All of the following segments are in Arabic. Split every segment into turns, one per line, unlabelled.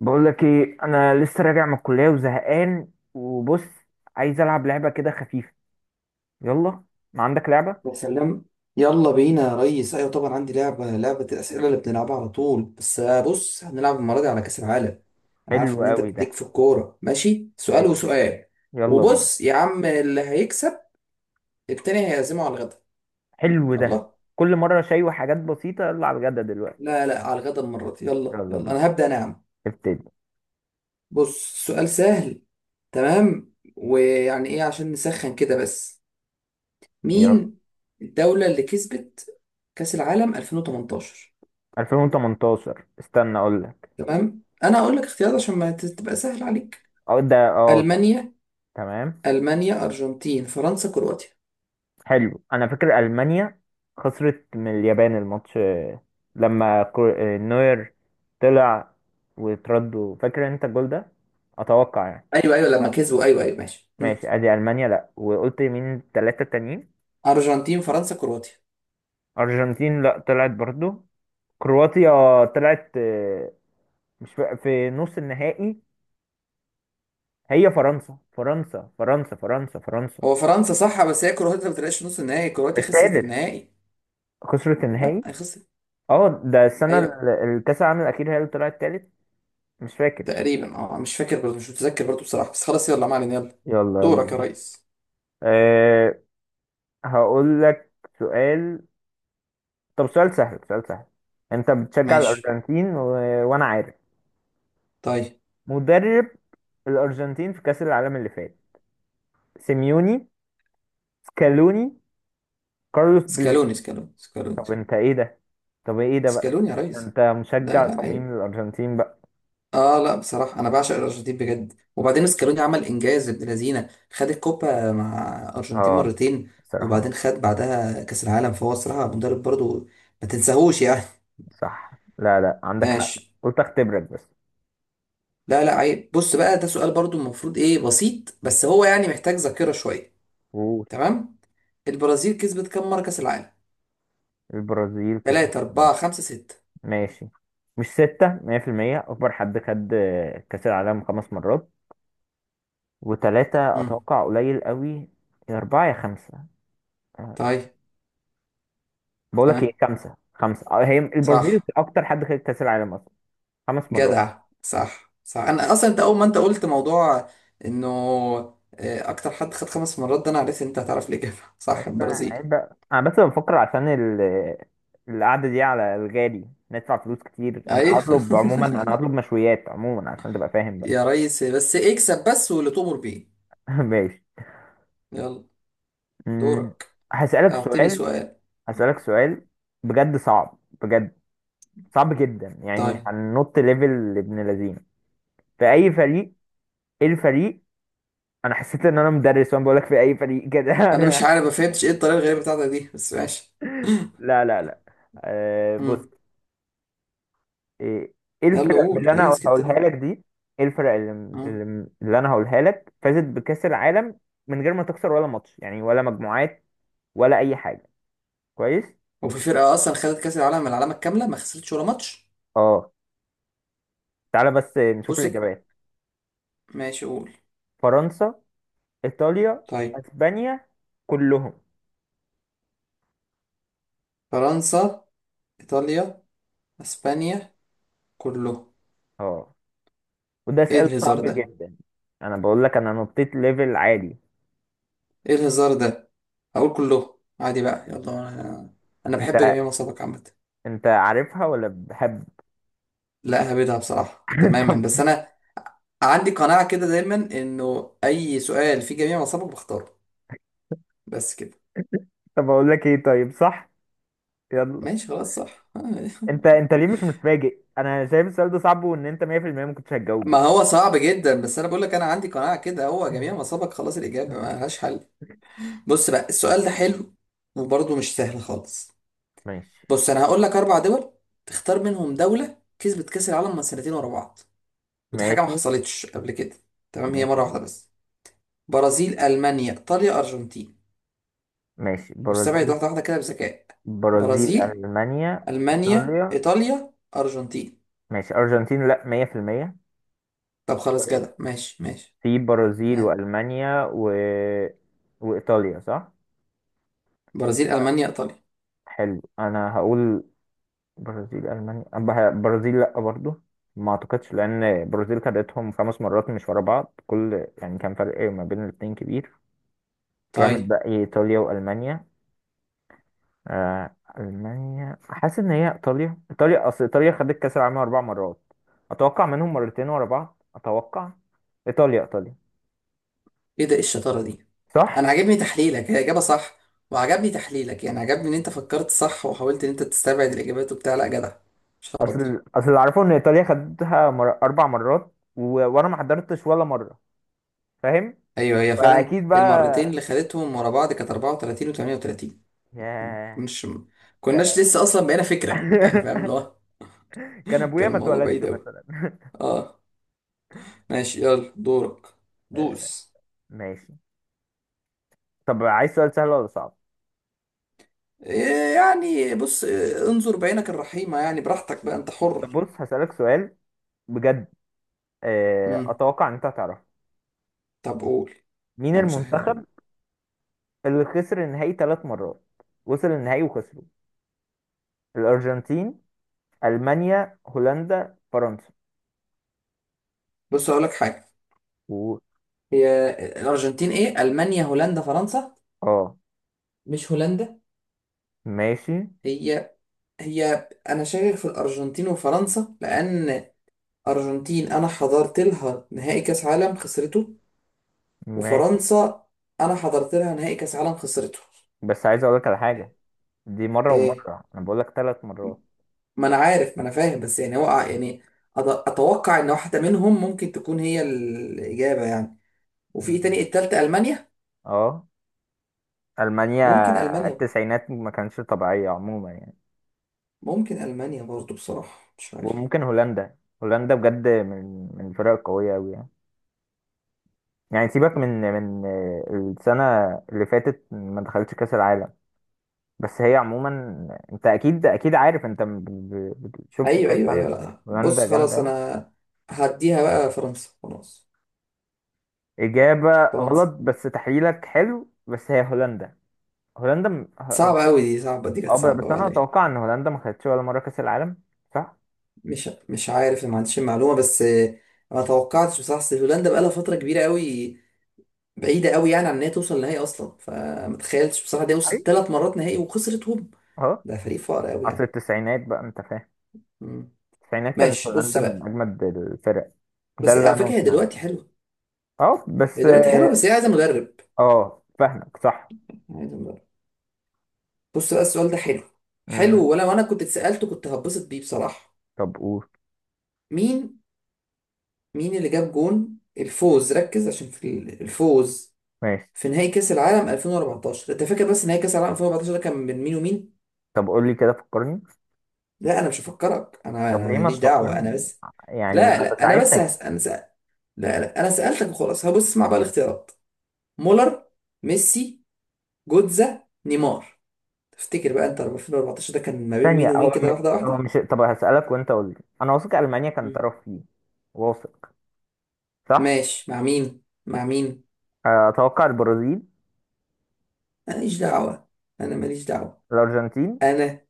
بقول لك ايه؟ انا لسه راجع من الكليه وزهقان. وبص، عايز العب لعبه كده خفيفه. يلا، ما عندك لعبه؟
يا سلام يلا بينا يا ريس، ايوه طبعا عندي لعبه الاسئله اللي بنلعبها على طول، بس بص هنلعب المره دي على كاس العالم. انا عارف
حلو
ان انت
قوي
ليك
ده.
في الكوره. ماشي، سؤال
ماشي،
وسؤال.
يلا بينا.
وبص يا عم، اللي هيكسب التاني هيعزمه على الغدا.
حلو ده.
يلا،
كل مره شاي وحاجات بسيطه، يلا على الجد دلوقتي.
لا لا، على الغدا المره دي. يلا
يلا
يلا،
بينا،
انا هبدا انا يا عم.
ابتدي.
بص، سؤال سهل. تمام، ويعني ايه عشان نسخن كده بس.
يلا.
مين الدوله اللي كسبت كاس العالم 2018؟
2018، استنى اقول لك.
تمام، انا هقول لك اختيارات عشان ما ت- تبقى سهل عليك.
اه ده، اه صح.
المانيا.
تمام.
ارجنتين، فرنسا، كرواتيا.
حلو، انا فاكر المانيا خسرت من اليابان الماتش. آه، لما نوير طلع. وتردوا، فاكر انت الجول ده؟ اتوقع يعني.
ايوه ايوه لما كسبوا، ايوه ايوه ماشي.
ماشي، ادي المانيا لا، وقلت مين التلاتة التانيين.
ارجنتين، فرنسا، كرواتيا.
ارجنتين لا، طلعت برضو. كرواتيا طلعت. مش فا- في نص النهائي. هي فرنسا فرنسا فرنسا فرنسا فرنسا.
هو فرنسا صح، بس هي كرواتيا ما طلعتش نص النهائي، كرواتيا خسرت
التالت،
النهائي.
خسرت
لا
النهائي.
هي خسرت.
اه ده السنة
ايوه
الكاس العالم الأخير، هي اللي طلعت تالت. مش فاكر.
تقريبا، اه مش فاكر برضه، مش متذكر برضه بصراحه، بس خلاص يلا ما علينا، يلا.
يلا
دورك يا
يلا.
ريس.
أه هقول لك سؤال. طب سؤال سهل، سؤال سهل. انت بتشجع
ماشي.
الأرجنتين و... وانا عارف.
طيب.
مدرب الأرجنتين في كأس العالم اللي فات. سيميوني، سكالوني، كارلوس بيل.
سكالوني، سكالوني، سكالوني،
طب
سكالوني،
انت ايه ده؟ طب ايه ده بقى؟
سكالوني يا ريس.
انت
لا
مشجع
لا،
صميم
أيوة.
للارجنتين بقى.
اه لا بصراحة أنا بعشق الأرجنتين بجد، وبعدين سكالوني عمل إنجاز ابن لذينة، خد الكوبا مع أرجنتين
اه
مرتين، وبعدين
الصراحة.
خد بعدها كأس العالم، فهو الصراحة مدرب برضو، ما تنساهوش يعني.
صح، لا لا، عندك حق.
ماشي.
قلت اختبرك بس.
لا لا عيب، بص بقى ده سؤال برضو المفروض إيه بسيط، بس هو يعني محتاج ذاكرة شوية.
قول.
تمام. البرازيل كسبت كام مرة كأس العالم؟
البرازيل كسب.
تلاتة، أربعة، خمسة، ستة؟
ماشي. مش ستة، مية في المية أكبر حد خد كأس العالم 5 مرات. وتلاتة
امم
أتوقع قليل قوي. يا أربعة يا خمسة.
طيب.
بقول لك إيه،
ها.
خمسة خمسة. هي البرازيل
صح.
أكتر حد خد كأس العالم أصلا 5 مرات.
جدع، صح صح، انا اصلا انت اول ما انت قلت موضوع انه. اكتر حد خد خمس مرات، ده انا عرفت إن انت هتعرف الاجابه. صح،
عيب بقى،
البرازيل.
عيب بقى. انا بس بفكر عشان ال... القعده دي على الغالي، ندفع فلوس كتير. انا
اي.
هطلب عموما، انا هطلب مشويات عموما عشان تبقى فاهم بقى.
يا ريس بس اكسب، بس واللي تؤمر بيه.
ماشي.
يلا.
أمم،
دورك.
هسألك
اعطيني
سؤال.
سؤال.
هسألك سؤال بجد، صعب بجد. صعب جدا يعني،
طيب.
هننط ليفل ابن لذين. في اي فريق؟ ايه الفريق؟ انا حسيت ان انا مدرس وانا بقول لك في اي فريق كده.
انا مش
انا.
عارف، ما فهمتش ايه الطريقه الغريبه بتاعتك دي، بس ماشي.
لا لا لا.
مم.
بص. ايه، إيه
يلا
الفرق من
قول،
اللي
ايه
انا
سكت
هقولها لك
ليه؟
دي؟ ايه الفرق
مم.
اللي انا هقولها لك فازت بكأس العالم من غير ما تخسر ولا ماتش، يعني ولا مجموعات ولا اي حاجة. كويس.
وفي فرقه اصلا خدت كاس العالم العلامه الكامله ما خسرتش ولا ماتش؟
اه. تعالى بس نشوف
بص ك-
الاجابات.
ماشي قول.
فرنسا، ايطاليا،
طيب.
اسبانيا، كلهم.
فرنسا، ايطاليا، اسبانيا، كله؟
اه وده
ايه
سؤال
الهزار
صعب
ده؟
جدا. انا بقول لك، انا نطيت ليفل عالي.
ايه الهزار ده؟ هقول كله عادي بقى، يلا انا. انا
انت
بحب جميع مصابك عامه.
انت عارفها ولا بحب؟
لا هبدها بصراحه تماما،
طب.
بس انا عندي قناعه كده دايما انه اي سؤال في جميع مصابك بختاره، بس كده.
طب اقول لك ايه، طيب صح. يلا.
ماشي خلاص، صح. آه.
انت، انت ليه مش متفاجئ؟ انا شايف السؤال ده صعب وان انت 100% ما كنتش
ما
هتجاوبه.
هو صعب جدا، بس انا بقول لك انا عندي قناعه كده، هو جميع مصابك خلاص الاجابه ما لهاش حل. بص بقى السؤال ده حلو، وبرضه مش سهل خالص.
ماشي
بص انا هقول لك اربع دول، تختار منهم دوله كسبت كاس العالم من سنتين ورا بعض، ودي حاجة ما
ماشي
حصلتش قبل كده، تمام؟ هي
ماشي
مرة واحدة بس. برازيل، ألمانيا، إيطاليا، أرجنتين.
ماشي.
واستبعد
برازيل.
واحدة واحدة كده بذكاء.
برازيل
برازيل،
ألمانيا
ألمانيا،
إيطاليا.
إيطاليا، أرجنتين.
ماشي أرجنتين، لا 100%.
طب خلاص
كويس.
كده، ماشي ماشي.
في برازيل
آه.
وألمانيا و... وإيطاليا، صح.
برازيل، ألمانيا، إيطاليا.
حلو، أنا هقول. برازيل ألمانيا برازيل لا برضو، ما أعتقدش، لأن برازيل خدتهم 5 مرات مش ورا بعض، كل يعني كان فرق ما بين الاتنين كبير. كام
طيب.
الباقي؟ إيطاليا وألمانيا. ألمانيا، حاسس إن هي إيطاليا. إيطاليا، أصل إيطاليا خدت كأس العالم 4 مرات، أتوقع منهم مرتين ورا بعض، أتوقع. إيطاليا، إيطاليا.
إيه ده، إيه الشطارة دي؟ أنا
صح؟
عجبني تحليلك، هي إجابة صح، وعجبني تحليلك، يعني عجبني إن أنت فكرت صح وحاولت إن أنت تستبعد الإجابات وبتاع، لا جدع شاطر.
أصل أصل اللي أعرفه إن إيطاليا خدتها 4 مرات و... وأنا ما حضرتش ولا مرة. فاهم؟
أيوه، هي فعلا
فأكيد
المرتين
بقى.
اللي خدتهم ورا بعض كانت 34 و 38.
ياه.
كناش، كناش
ده.
لسه اصلا، بقينا فكره يعني، فاهم اللي هو.
كان
كان
أبويا ما
الموضوع
اتولدش
بعيد اوي.
مثلا.
اه ماشي، يلا دورك.
آه،
دوس.
ماشي. طب عايز سؤال سهل ولا صعب؟
إيه يعني، بص إيه، انظر بعينك الرحيمه يعني، براحتك بقى انت
طب
حر.
بص هسألك سؤال بجد.
مم.
أتوقع إن أنت هتعرفه.
طب قول.
مين
يا مسهل يا
المنتخب
رب.
اللي خسر النهائي 3 مرات، وصل النهائي وخسره؟ الأرجنتين، ألمانيا، هولندا، فرنسا.
بص اقول لك حاجه.
و...
هي الارجنتين، ايه، المانيا، هولندا، فرنسا؟
اه.
مش هولندا.
ماشي،
هي هي انا شاكك في الارجنتين وفرنسا، لان ارجنتين انا حضرت لها نهائي كاس عالم خسرته،
ماشي،
وفرنسا انا حضرت لها نهائي كاس عالم خسرته.
بس عايز اقول لك على حاجة. دي مرة
ايه؟
ومرة، انا بقول لك 3 مرات.
ما انا عارف، ما انا فاهم، بس يعني يعني اتوقع ان واحده منهم ممكن تكون هي الاجابه يعني. وفي إيه تاني،
مم.
التالتة؟ المانيا؟
اه. ألمانيا،
ممكن المانيا،
التسعينات ما كانتش طبيعية عموما يعني.
ممكن المانيا برضو، بصراحه مش عارف.
وممكن هولندا. هولندا بجد، من الفرق القوية أوي يعني. يعني سيبك من من السنة اللي فاتت ما دخلتش كأس العالم، بس هي عموما. انت اكيد اكيد عارف، انت شفت
ايوه
كاس
ايوه
عالم
ايوه،
كتير،
لا بص
هولندا جامده
خلاص
قوي.
انا هديها بقى فرنسا خلاص.
اجابه غلط،
فرنسا.
بس تحليلك حلو، بس هي هولندا. هولندا.
صعبه قوي دي، صعبه دي، كانت صعبه
بس
قوي
انا
عليا.
اتوقع ان هولندا ما خدتش ولا مره كاس العالم، صح؟
مش عارف، ما عنديش المعلومه، بس ما توقعتش بصراحه، أصل هولندا بقى لها فتره كبيره قوي، بعيده قوي يعني عن ان هي توصل نهائي اصلا، فما تخيلتش بصراحه دي وصلت
ايوه.
ثلاث مرات نهائي وخسرتهم.
اه.
ده فريق فقر قوي
اصل
يعني.
التسعينات بقى انت فاهم،
مم.
التسعينات كانت
ماشي. بص
هولندا من
بقى،
اجمد الفرق. ده
بس
اللي
على فكره
انا
هي
سمعته.
دلوقتي حلوه.
اه
هي
بس.
دلوقتي حلوه، بس هي عايزه مدرب.
اه فاهمك، صح.
عايزه مدرب. بص بقى السؤال ده حلو، حلو،
مم.
ولا وانا كنت اتسالته كنت هتبسط بيه بصراحه.
طب قول.
مين مين اللي جاب جون الفوز، ركز عشان الفوز
ماشي.
في نهائي كاس العالم 2014، انت فاكر بس نهائي كاس العالم 2014 ده كان من مين ومين؟
طب قول لي كده، فكرني.
لا انا مش هفكرك، انا،
طب
انا
ليه ما
ماليش دعوه، انا
تفكرني؟
بس.
يعني ما
لا
انا
لا انا بس
بساعدتك.
هسأل. لا لا انا سألتك وخلاص، هبص اسمع بقى الاختيارات. مولر، ميسي، جوتزا، نيمار. تفتكر بقى انت 2014 ده كان ما بين مين
ثانية،
ومين كده، واحدة
هو
واحدة.
مش، طب هسألك وانت قول لي. انا واثق المانيا كان
مم.
طرف فيه. واثق. صح.
ماشي، مع مين مع مين؟
اتوقع البرازيل.
انا ماليش دعوة، انا ماليش دعوة.
الارجنتين.
انا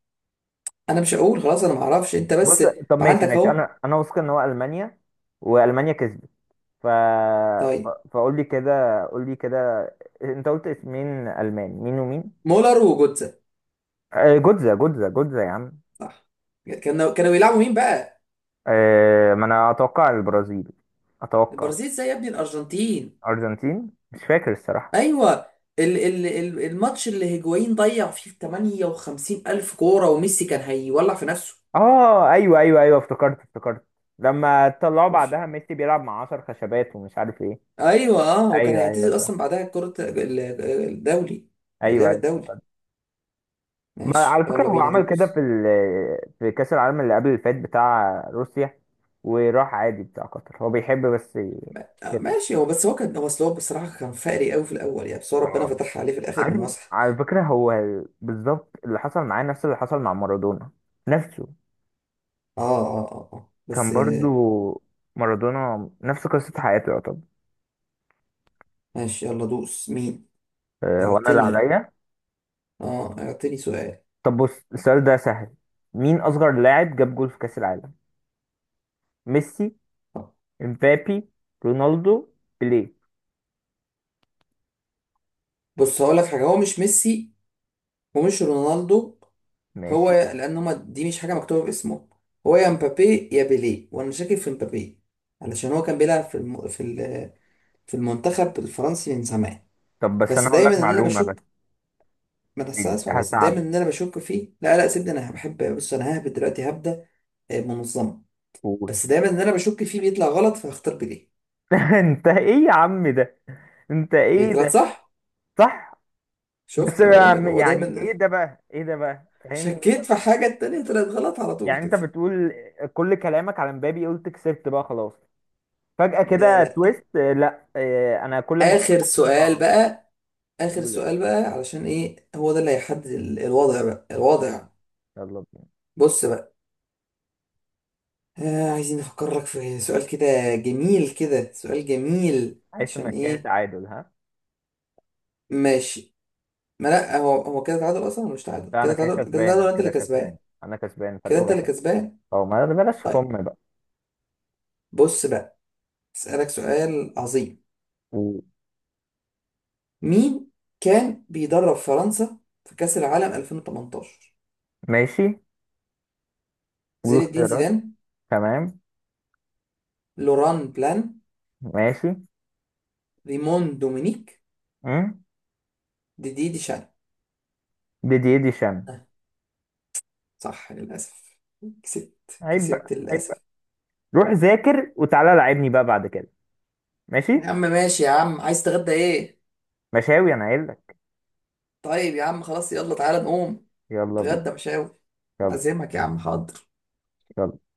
انا مش هقول، خلاص انا ما اعرفش، انت
بص.
بس.
طب
ما
ماشي،
عندك
ماشي،
اهو.
انا واثق ان هو المانيا والمانيا كسبت. ف...
طيب.
فقول لي كده، قول لي كده. انت قلت اسمين، المان مين ومين؟
مولر وجوتزا؟
جوتزا جوتزا جوتزا يا عم.
صح. كانوا كانوا بيلعبوا مين بقى؟
ما انا اتوقع البرازيل، اتوقع.
البرازيل زي يا ابني الارجنتين؟
ارجنتين، مش فاكر الصراحة.
ايوه. الماتش اللي هيجوين ضيع فيه 58 الف كوره، وميسي كان هيولع في نفسه.
اه ايوه ايوه ايوه، افتكرت افتكرت. لما طلعوا
مش
بعدها، ميسي بيلعب مع 10 خشبات ومش عارف ايه.
ايوه، اه، وكان
ايوه ايوه
هيعتزل
صح.
اصلا بعدها الدولي،
ايوه
اللعب
ايوه
الدولي.
افتكرت. ما
ماشي،
على فكره
يلا
هو
بينا
عمل كده
دوس.
في ال... في كاس العالم اللي قبل اللي فات بتاع روسيا، وراح عادي بتاع قطر، هو بيحب بس كده.
ماشي. هو بس هو كان هو أصل هو بصراحة كان فقري قوي في الأول يعني، بس هو ربنا
اه.
فتحها عليه في الآخر من
عادي
وسخ.
على فكره، هو بالظبط اللي حصل معاه نفس اللي حصل مع مارادونا نفسه.
اه اه اه آه. بس
كان برضو
آه،
مارادونا نفس قصه حياته يعتبر.
ماشي، يلا دوس مين.
هو انا اللي
اعطيني،
عليا.
اه اعطيني سؤال.
طب بص السؤال ده سهل. مين أصغر لاعب جاب جول في كأس العالم؟ ميسي،
آه.
امبابي، رونالدو، بيليه.
بص هقول لك حاجة، هو مش ميسي ومش رونالدو، هو
ماشي.
لان هما دي مش حاجه مكتوبه باسمه. هو يا مبابي يا بيليه، وانا شاكك في مبابي علشان هو كان بيلعب في المنتخب الفرنسي من زمان،
طب بس
بس
أنا هقول لك
دايما ان انا
معلومة،
بشك.
بس
ما تحسش، اسمع، بس دايما
هساعدك.
ان انا بشك فيه. لا لا سيبني انا بحب. بص انا ههبد دلوقتي، هبدا. منظمه.
قول.
بس دايما ان انا بشك فيه بيطلع غلط، فهختار بيليه.
أنت إيه يا عم ده؟ أنت
إيه،
إيه
طلعت
ده؟
صح؟
صح. بس.
شفت، ما انا بقول لك هو
يعني إيه
دايما.
ده بقى؟ إيه ده بقى، فاهمني؟ إيه ده
شكيت في
بقى؟
حاجه التانية طلعت غلط على طول
يعني أنت
كده.
بتقول كل كلامك على امبابي، قلت كسبت بقى خلاص، فجأة
لا
كده
لا.
تويست. آه، لا آه، أنا كل ما أقول
اخر
حاجة تطلع
سؤال
غلط.
بقى، اخر
قول يا عم،
سؤال بقى، علشان ايه، هو ده اللي هيحدد الوضع بقى، الوضع.
يلا بينا.
بص بقى، آه عايزين نفكر لك في سؤال كده جميل كده، سؤال جميل
عايز
علشان
مكان
ايه.
تعادل، ها؟
ماشي. ما لا هو، هو كده تعادل اصلا ولا مش تعادل،
لا انا
كده
كده
تعادل، كده تعادل،
كسبان،
انت اللي
كده كسبان،
كسبان.
انا كسبان
كده
فرق
انت اللي
واحد.
كسبان.
او ما بلاش
طيب
فم بقى.
بص بقى، اسالك سؤال عظيم.
و-
مين كان بيدرب فرنسا في كأس العالم 2018؟
ماشي. قول
زين الدين
اختيارات.
زيدان،
تمام.
لوران بلان،
ماشي.
ريمون دومينيك،
امم
ديدي ديشان.
دي دي دي شان.
صح، للأسف. كسبت،
عيب بقى،
كسبت
عيب بقى.
للأسف.
روح ذاكر وتعالى لعبني بقى بعد كده.
يا
ماشي.
عم. ماشي يا عم، عايز تتغدى ايه؟
مشاوي انا قايل لك.
طيب يا عم خلاص، يلا تعالى نقوم
يلا بينا.
نتغدى مشاوي.
يلا
أعزمك يا عم، حاضر.
يلا.